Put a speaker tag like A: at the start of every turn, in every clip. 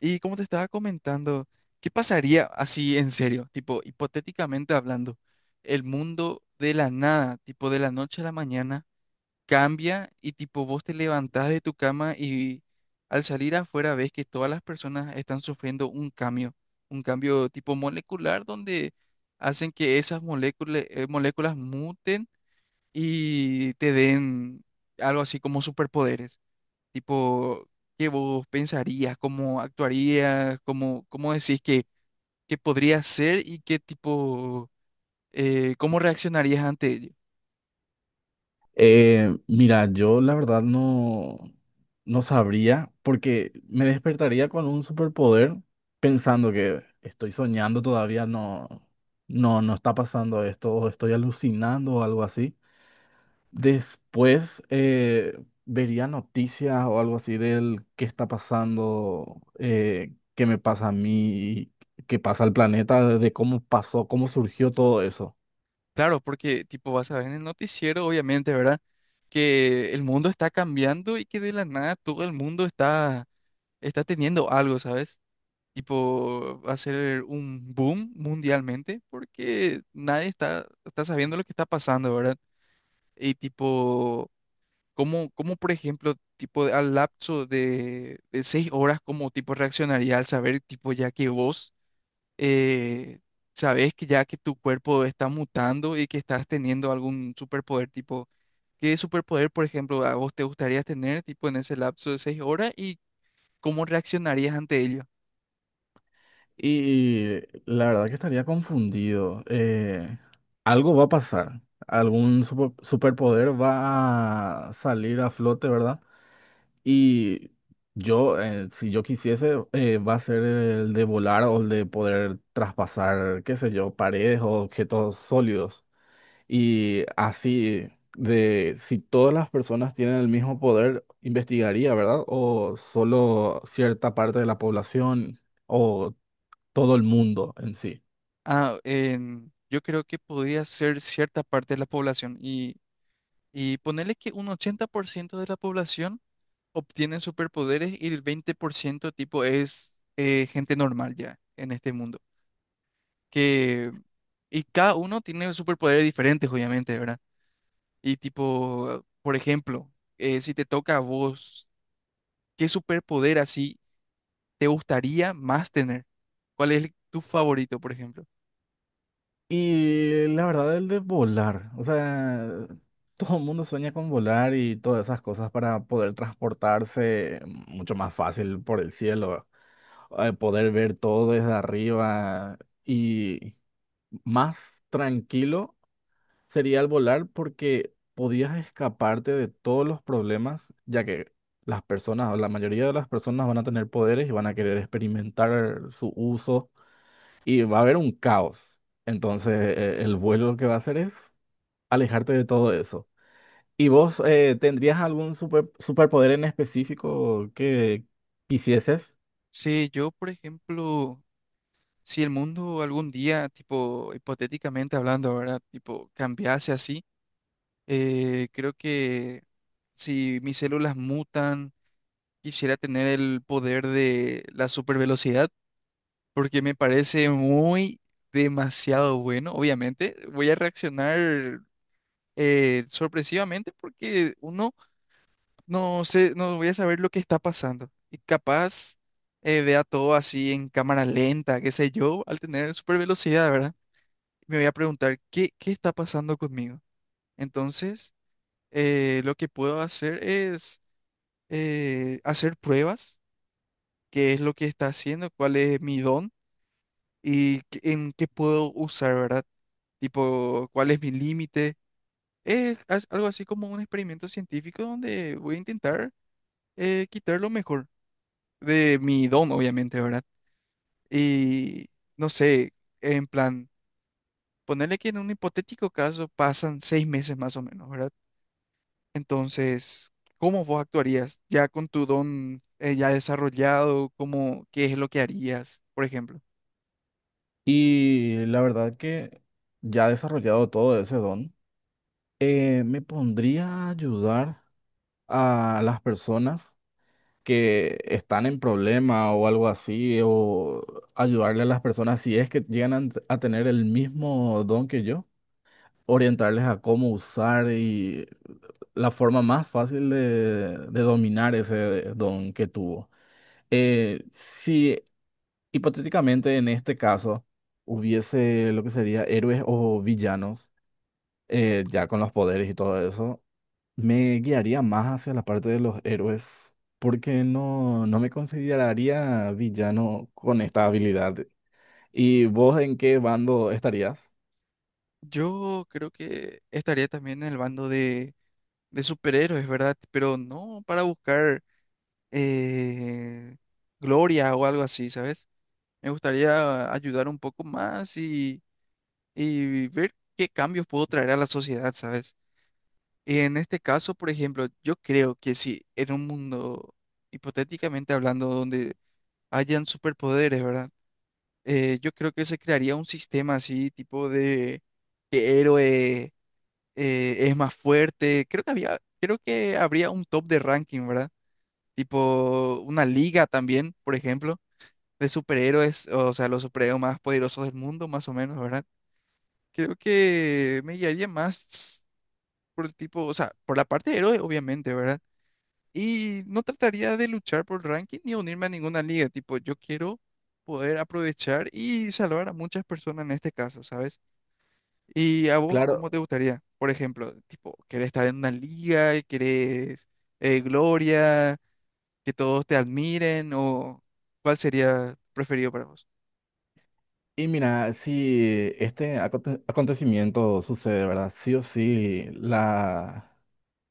A: Y como te estaba comentando, ¿qué pasaría así en serio? Tipo, hipotéticamente hablando, el mundo de la nada, tipo de la noche a la mañana, cambia y tipo vos te levantás de tu cama y al salir afuera ves que todas las personas están sufriendo un cambio tipo molecular donde hacen que esas moléculas muten y te den algo así como superpoderes. Tipo, ¿qué vos pensarías? ¿Cómo actuarías? ¿Cómo decís que podría ser y qué tipo, cómo reaccionarías ante ello?
B: Mira, yo la verdad no sabría porque me despertaría con un superpoder pensando que estoy soñando todavía, no está pasando esto, o estoy alucinando o algo así. Después vería noticias o algo así del qué está pasando, qué me pasa a mí, qué pasa al planeta, de cómo pasó, cómo surgió todo eso.
A: Claro, porque tipo vas a ver en el noticiero, obviamente, ¿verdad? Que el mundo está cambiando y que de la nada todo el mundo está teniendo algo, ¿sabes? Tipo, va a ser un boom mundialmente porque nadie está sabiendo lo que está pasando, ¿verdad? Y tipo. ¿Cómo, por ejemplo, al lapso de 6 horas, cómo tipo reaccionaría al saber, tipo, ya que vos eh, sabés que ya que tu cuerpo está mutando y que estás teniendo algún superpoder, tipo, ¿qué superpoder, por ejemplo, a vos te gustaría tener, tipo, en ese lapso de 6 horas y cómo reaccionarías ante ello?
B: Y la verdad que estaría confundido. Algo va a pasar. Superpoder va a salir a flote, ¿verdad? Y yo, si yo quisiese, va a ser el de volar o el de poder traspasar, qué sé yo, paredes o objetos sólidos. Y así, de si todas las personas tienen el mismo poder, investigaría, ¿verdad? O solo cierta parte de la población. O todo el mundo en sí.
A: Ah, yo creo que podría ser cierta parte de la población y ponerle que un 80% de la población obtienen superpoderes y el 20% tipo es gente normal ya en este mundo. Que, y cada uno tiene superpoderes diferentes, obviamente, ¿verdad? Y tipo, por ejemplo, si te toca a vos, ¿qué superpoder así te gustaría más tener? ¿Cuál es tu favorito, por ejemplo?
B: Y la verdad, el de volar, o sea, todo el mundo sueña con volar y todas esas cosas para poder transportarse mucho más fácil por el cielo, poder ver todo desde arriba y más tranquilo sería el volar porque podías escaparte de todos los problemas, ya que las personas, o la mayoría de las personas van a tener poderes y van a querer experimentar su uso y va a haber un caos. Entonces, el vuelo lo que va a hacer es alejarte de todo eso. ¿Y vos tendrías algún superpoder en específico que quisieses?
A: Sí, yo, por ejemplo, si el mundo algún día, tipo, hipotéticamente hablando, ¿verdad? Tipo, cambiase así. Creo que si mis células mutan, quisiera tener el poder de la supervelocidad, porque me parece muy demasiado bueno. Obviamente, voy a reaccionar sorpresivamente porque uno no sé, no voy a saber lo que está pasando. Y capaz vea todo así en cámara lenta, qué sé yo, al tener supervelocidad, ¿verdad? Me voy a preguntar, ¿qué está pasando conmigo? Entonces lo que puedo hacer es hacer pruebas, qué es lo que está haciendo, cuál es mi don y en qué puedo usar, ¿verdad? Tipo, cuál es mi límite. Es algo así como un experimento científico donde voy a intentar quitar lo mejor de mi don, obviamente, ¿verdad? Y no sé, en plan, ponerle que en un hipotético caso pasan 6 meses más o menos, ¿verdad? Entonces, ¿cómo vos actuarías ya con tu don ya desarrollado? ¿Cómo, qué es lo que harías, por ejemplo?
B: Y la verdad que ya desarrollado todo ese don, me pondría a ayudar a las personas que están en problema o algo así, o ayudarle a las personas si es que llegan a tener el mismo don que yo orientarles a cómo usar y la forma más fácil de dominar ese don que tuvo. Si hipotéticamente en este caso hubiese lo que sería héroes o villanos, ya con los poderes y todo eso, me guiaría más hacia la parte de los héroes, porque no me consideraría villano con esta habilidad. ¿Y vos en qué bando estarías?
A: Yo creo que estaría también en el bando de superhéroes, ¿verdad? Pero no para buscar eh, gloria o algo así, ¿sabes? Me gustaría ayudar un poco más y ver qué cambios puedo traer a la sociedad, ¿sabes? En este caso, por ejemplo, yo creo que si en un mundo, hipotéticamente hablando, donde hayan superpoderes, ¿verdad? Yo creo que se crearía un sistema así, tipo de que héroe es más fuerte. Creo que habría un top de ranking, ¿verdad? Tipo una liga también, por ejemplo, de superhéroes, o sea, los superhéroes más poderosos del mundo, más o menos, ¿verdad? Creo que me guiaría más por el tipo, o sea, por la parte de héroe, obviamente, ¿verdad? Y no trataría de luchar por el ranking ni unirme a ninguna liga. Tipo, yo quiero poder aprovechar y salvar a muchas personas en este caso, ¿sabes? ¿Y a vos
B: Claro.
A: cómo te gustaría? Por ejemplo, tipo, ¿querés estar en una liga? ¿Querés gloria? ¿Que todos te admiren? ¿O cuál sería preferido para vos?
B: Y mira, si este acontecimiento sucede, ¿verdad? Sí o sí,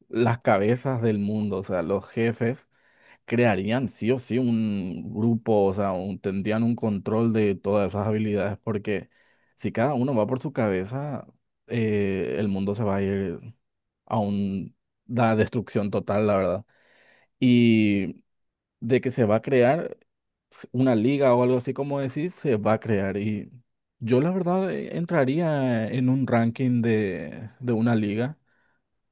B: las cabezas del mundo, o sea, los jefes, crearían sí o sí un grupo, o sea, tendrían un control de todas esas habilidades, porque si cada uno va por su cabeza, el mundo se va a ir a un- la destrucción total, la verdad. Y de que se va a crear una liga o algo así como decís, se va a crear. Y yo la verdad entraría en un ranking de una liga,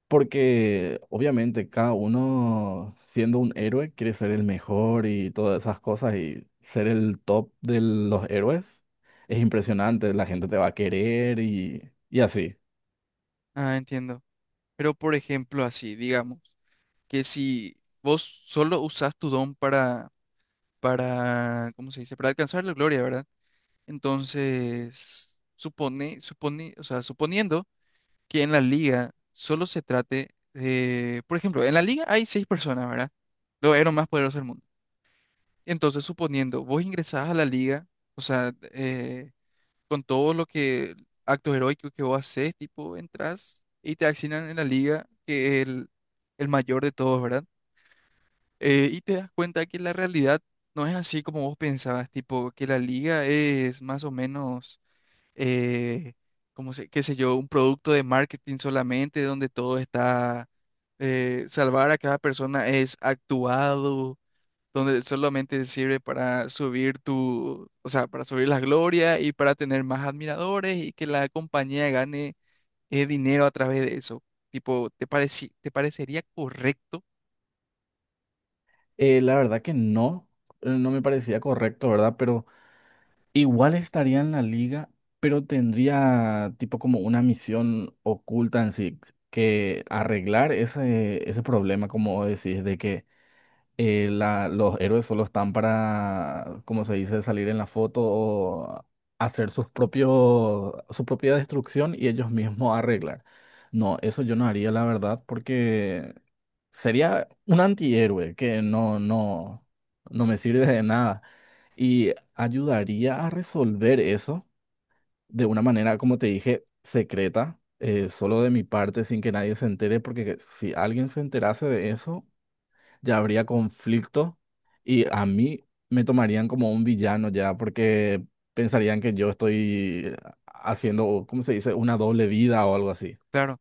B: porque obviamente cada uno siendo un héroe quiere ser el mejor y todas esas cosas y ser el top de los héroes. Es impresionante, la gente te va a querer y así.
A: Ah, entiendo. Pero por ejemplo, así, digamos, que si vos solo usás tu don para, ¿cómo se dice? Para alcanzar la gloria, ¿verdad? Entonces, supone, o sea, suponiendo que en la liga solo se trate de, por ejemplo, en la liga hay 6 personas, ¿verdad? Los héroes más poderosos del mundo. Entonces, suponiendo, vos ingresás a la liga, o sea, con todo lo que, actos heroicos que vos haces, tipo, entras y te asignan en la liga que el mayor de todos, ¿verdad? Y te das cuenta que la realidad no es así como vos pensabas, tipo, que la liga es más o menos eh, qué sé yo, un producto de marketing solamente donde salvar a cada persona es actuado, donde solamente sirve para subir tu, o sea, para subir la gloria y para tener más admiradores y que la compañía gane dinero a través de eso. Tipo, ¿te te parecería correcto?
B: La verdad que no, no me parecía correcto, ¿verdad? Pero igual estaría en la liga, pero tendría tipo como una misión oculta en sí, que arreglar ese problema, como decís, de que la- los héroes solo están para, como se dice, salir en la foto o hacer sus propios, su propia destrucción y ellos mismos arreglar. No, eso yo no haría, la verdad, porque sería un antihéroe que no me sirve de nada. Y ayudaría a resolver eso de una manera, como te dije, secreta, solo de mi parte, sin que nadie se entere, porque si alguien se enterase de eso, ya habría conflicto y a mí me tomarían como un villano ya, porque pensarían que yo estoy haciendo, ¿cómo se dice?, una doble vida o algo así.
A: Claro.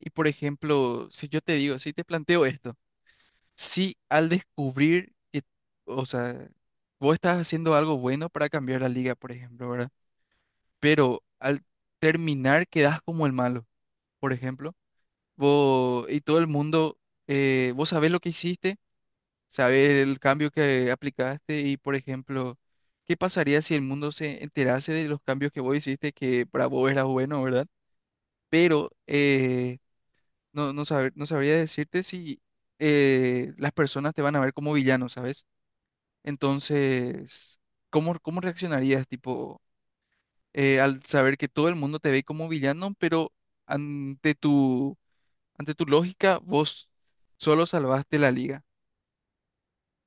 A: Y por ejemplo, si te planteo esto, sí, al descubrir que, o sea, vos estás haciendo algo bueno para cambiar la liga, por ejemplo, ¿verdad? Pero al terminar quedás como el malo, por ejemplo. Vos y todo el mundo, vos sabés lo que hiciste, sabés el cambio que aplicaste y, por ejemplo, ¿qué pasaría si el mundo se enterase de los cambios que vos hiciste que para vos era bueno? ¿Verdad? Pero no, no, no sabría decirte si las personas te van a ver como villano, ¿sabes? Entonces, ¿cómo reaccionarías, tipo, al saber que todo el mundo te ve como villano, pero ante tu, ante tu lógica, vos solo salvaste la liga?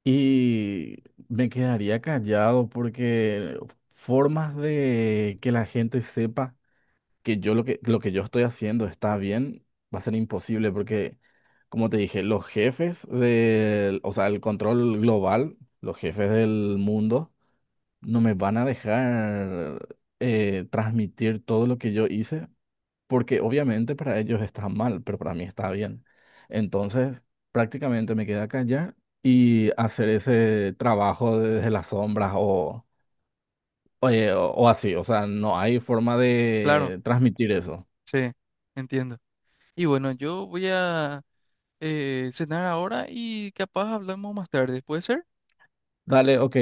B: Y me quedaría callado porque formas de que la gente sepa que yo lo que yo estoy haciendo está bien va a ser imposible porque, como te dije, los jefes del, o sea, el control global, los jefes del mundo, no me van a dejar transmitir todo lo que yo hice, porque obviamente para ellos está mal, pero para mí está bien. Entonces, prácticamente me queda callar y hacer ese trabajo desde las sombras o así. O sea, no hay forma
A: Claro,
B: de transmitir eso.
A: sí, entiendo. Y bueno, yo voy a cenar ahora y capaz hablamos más tarde, ¿puede ser?
B: Dale, ok.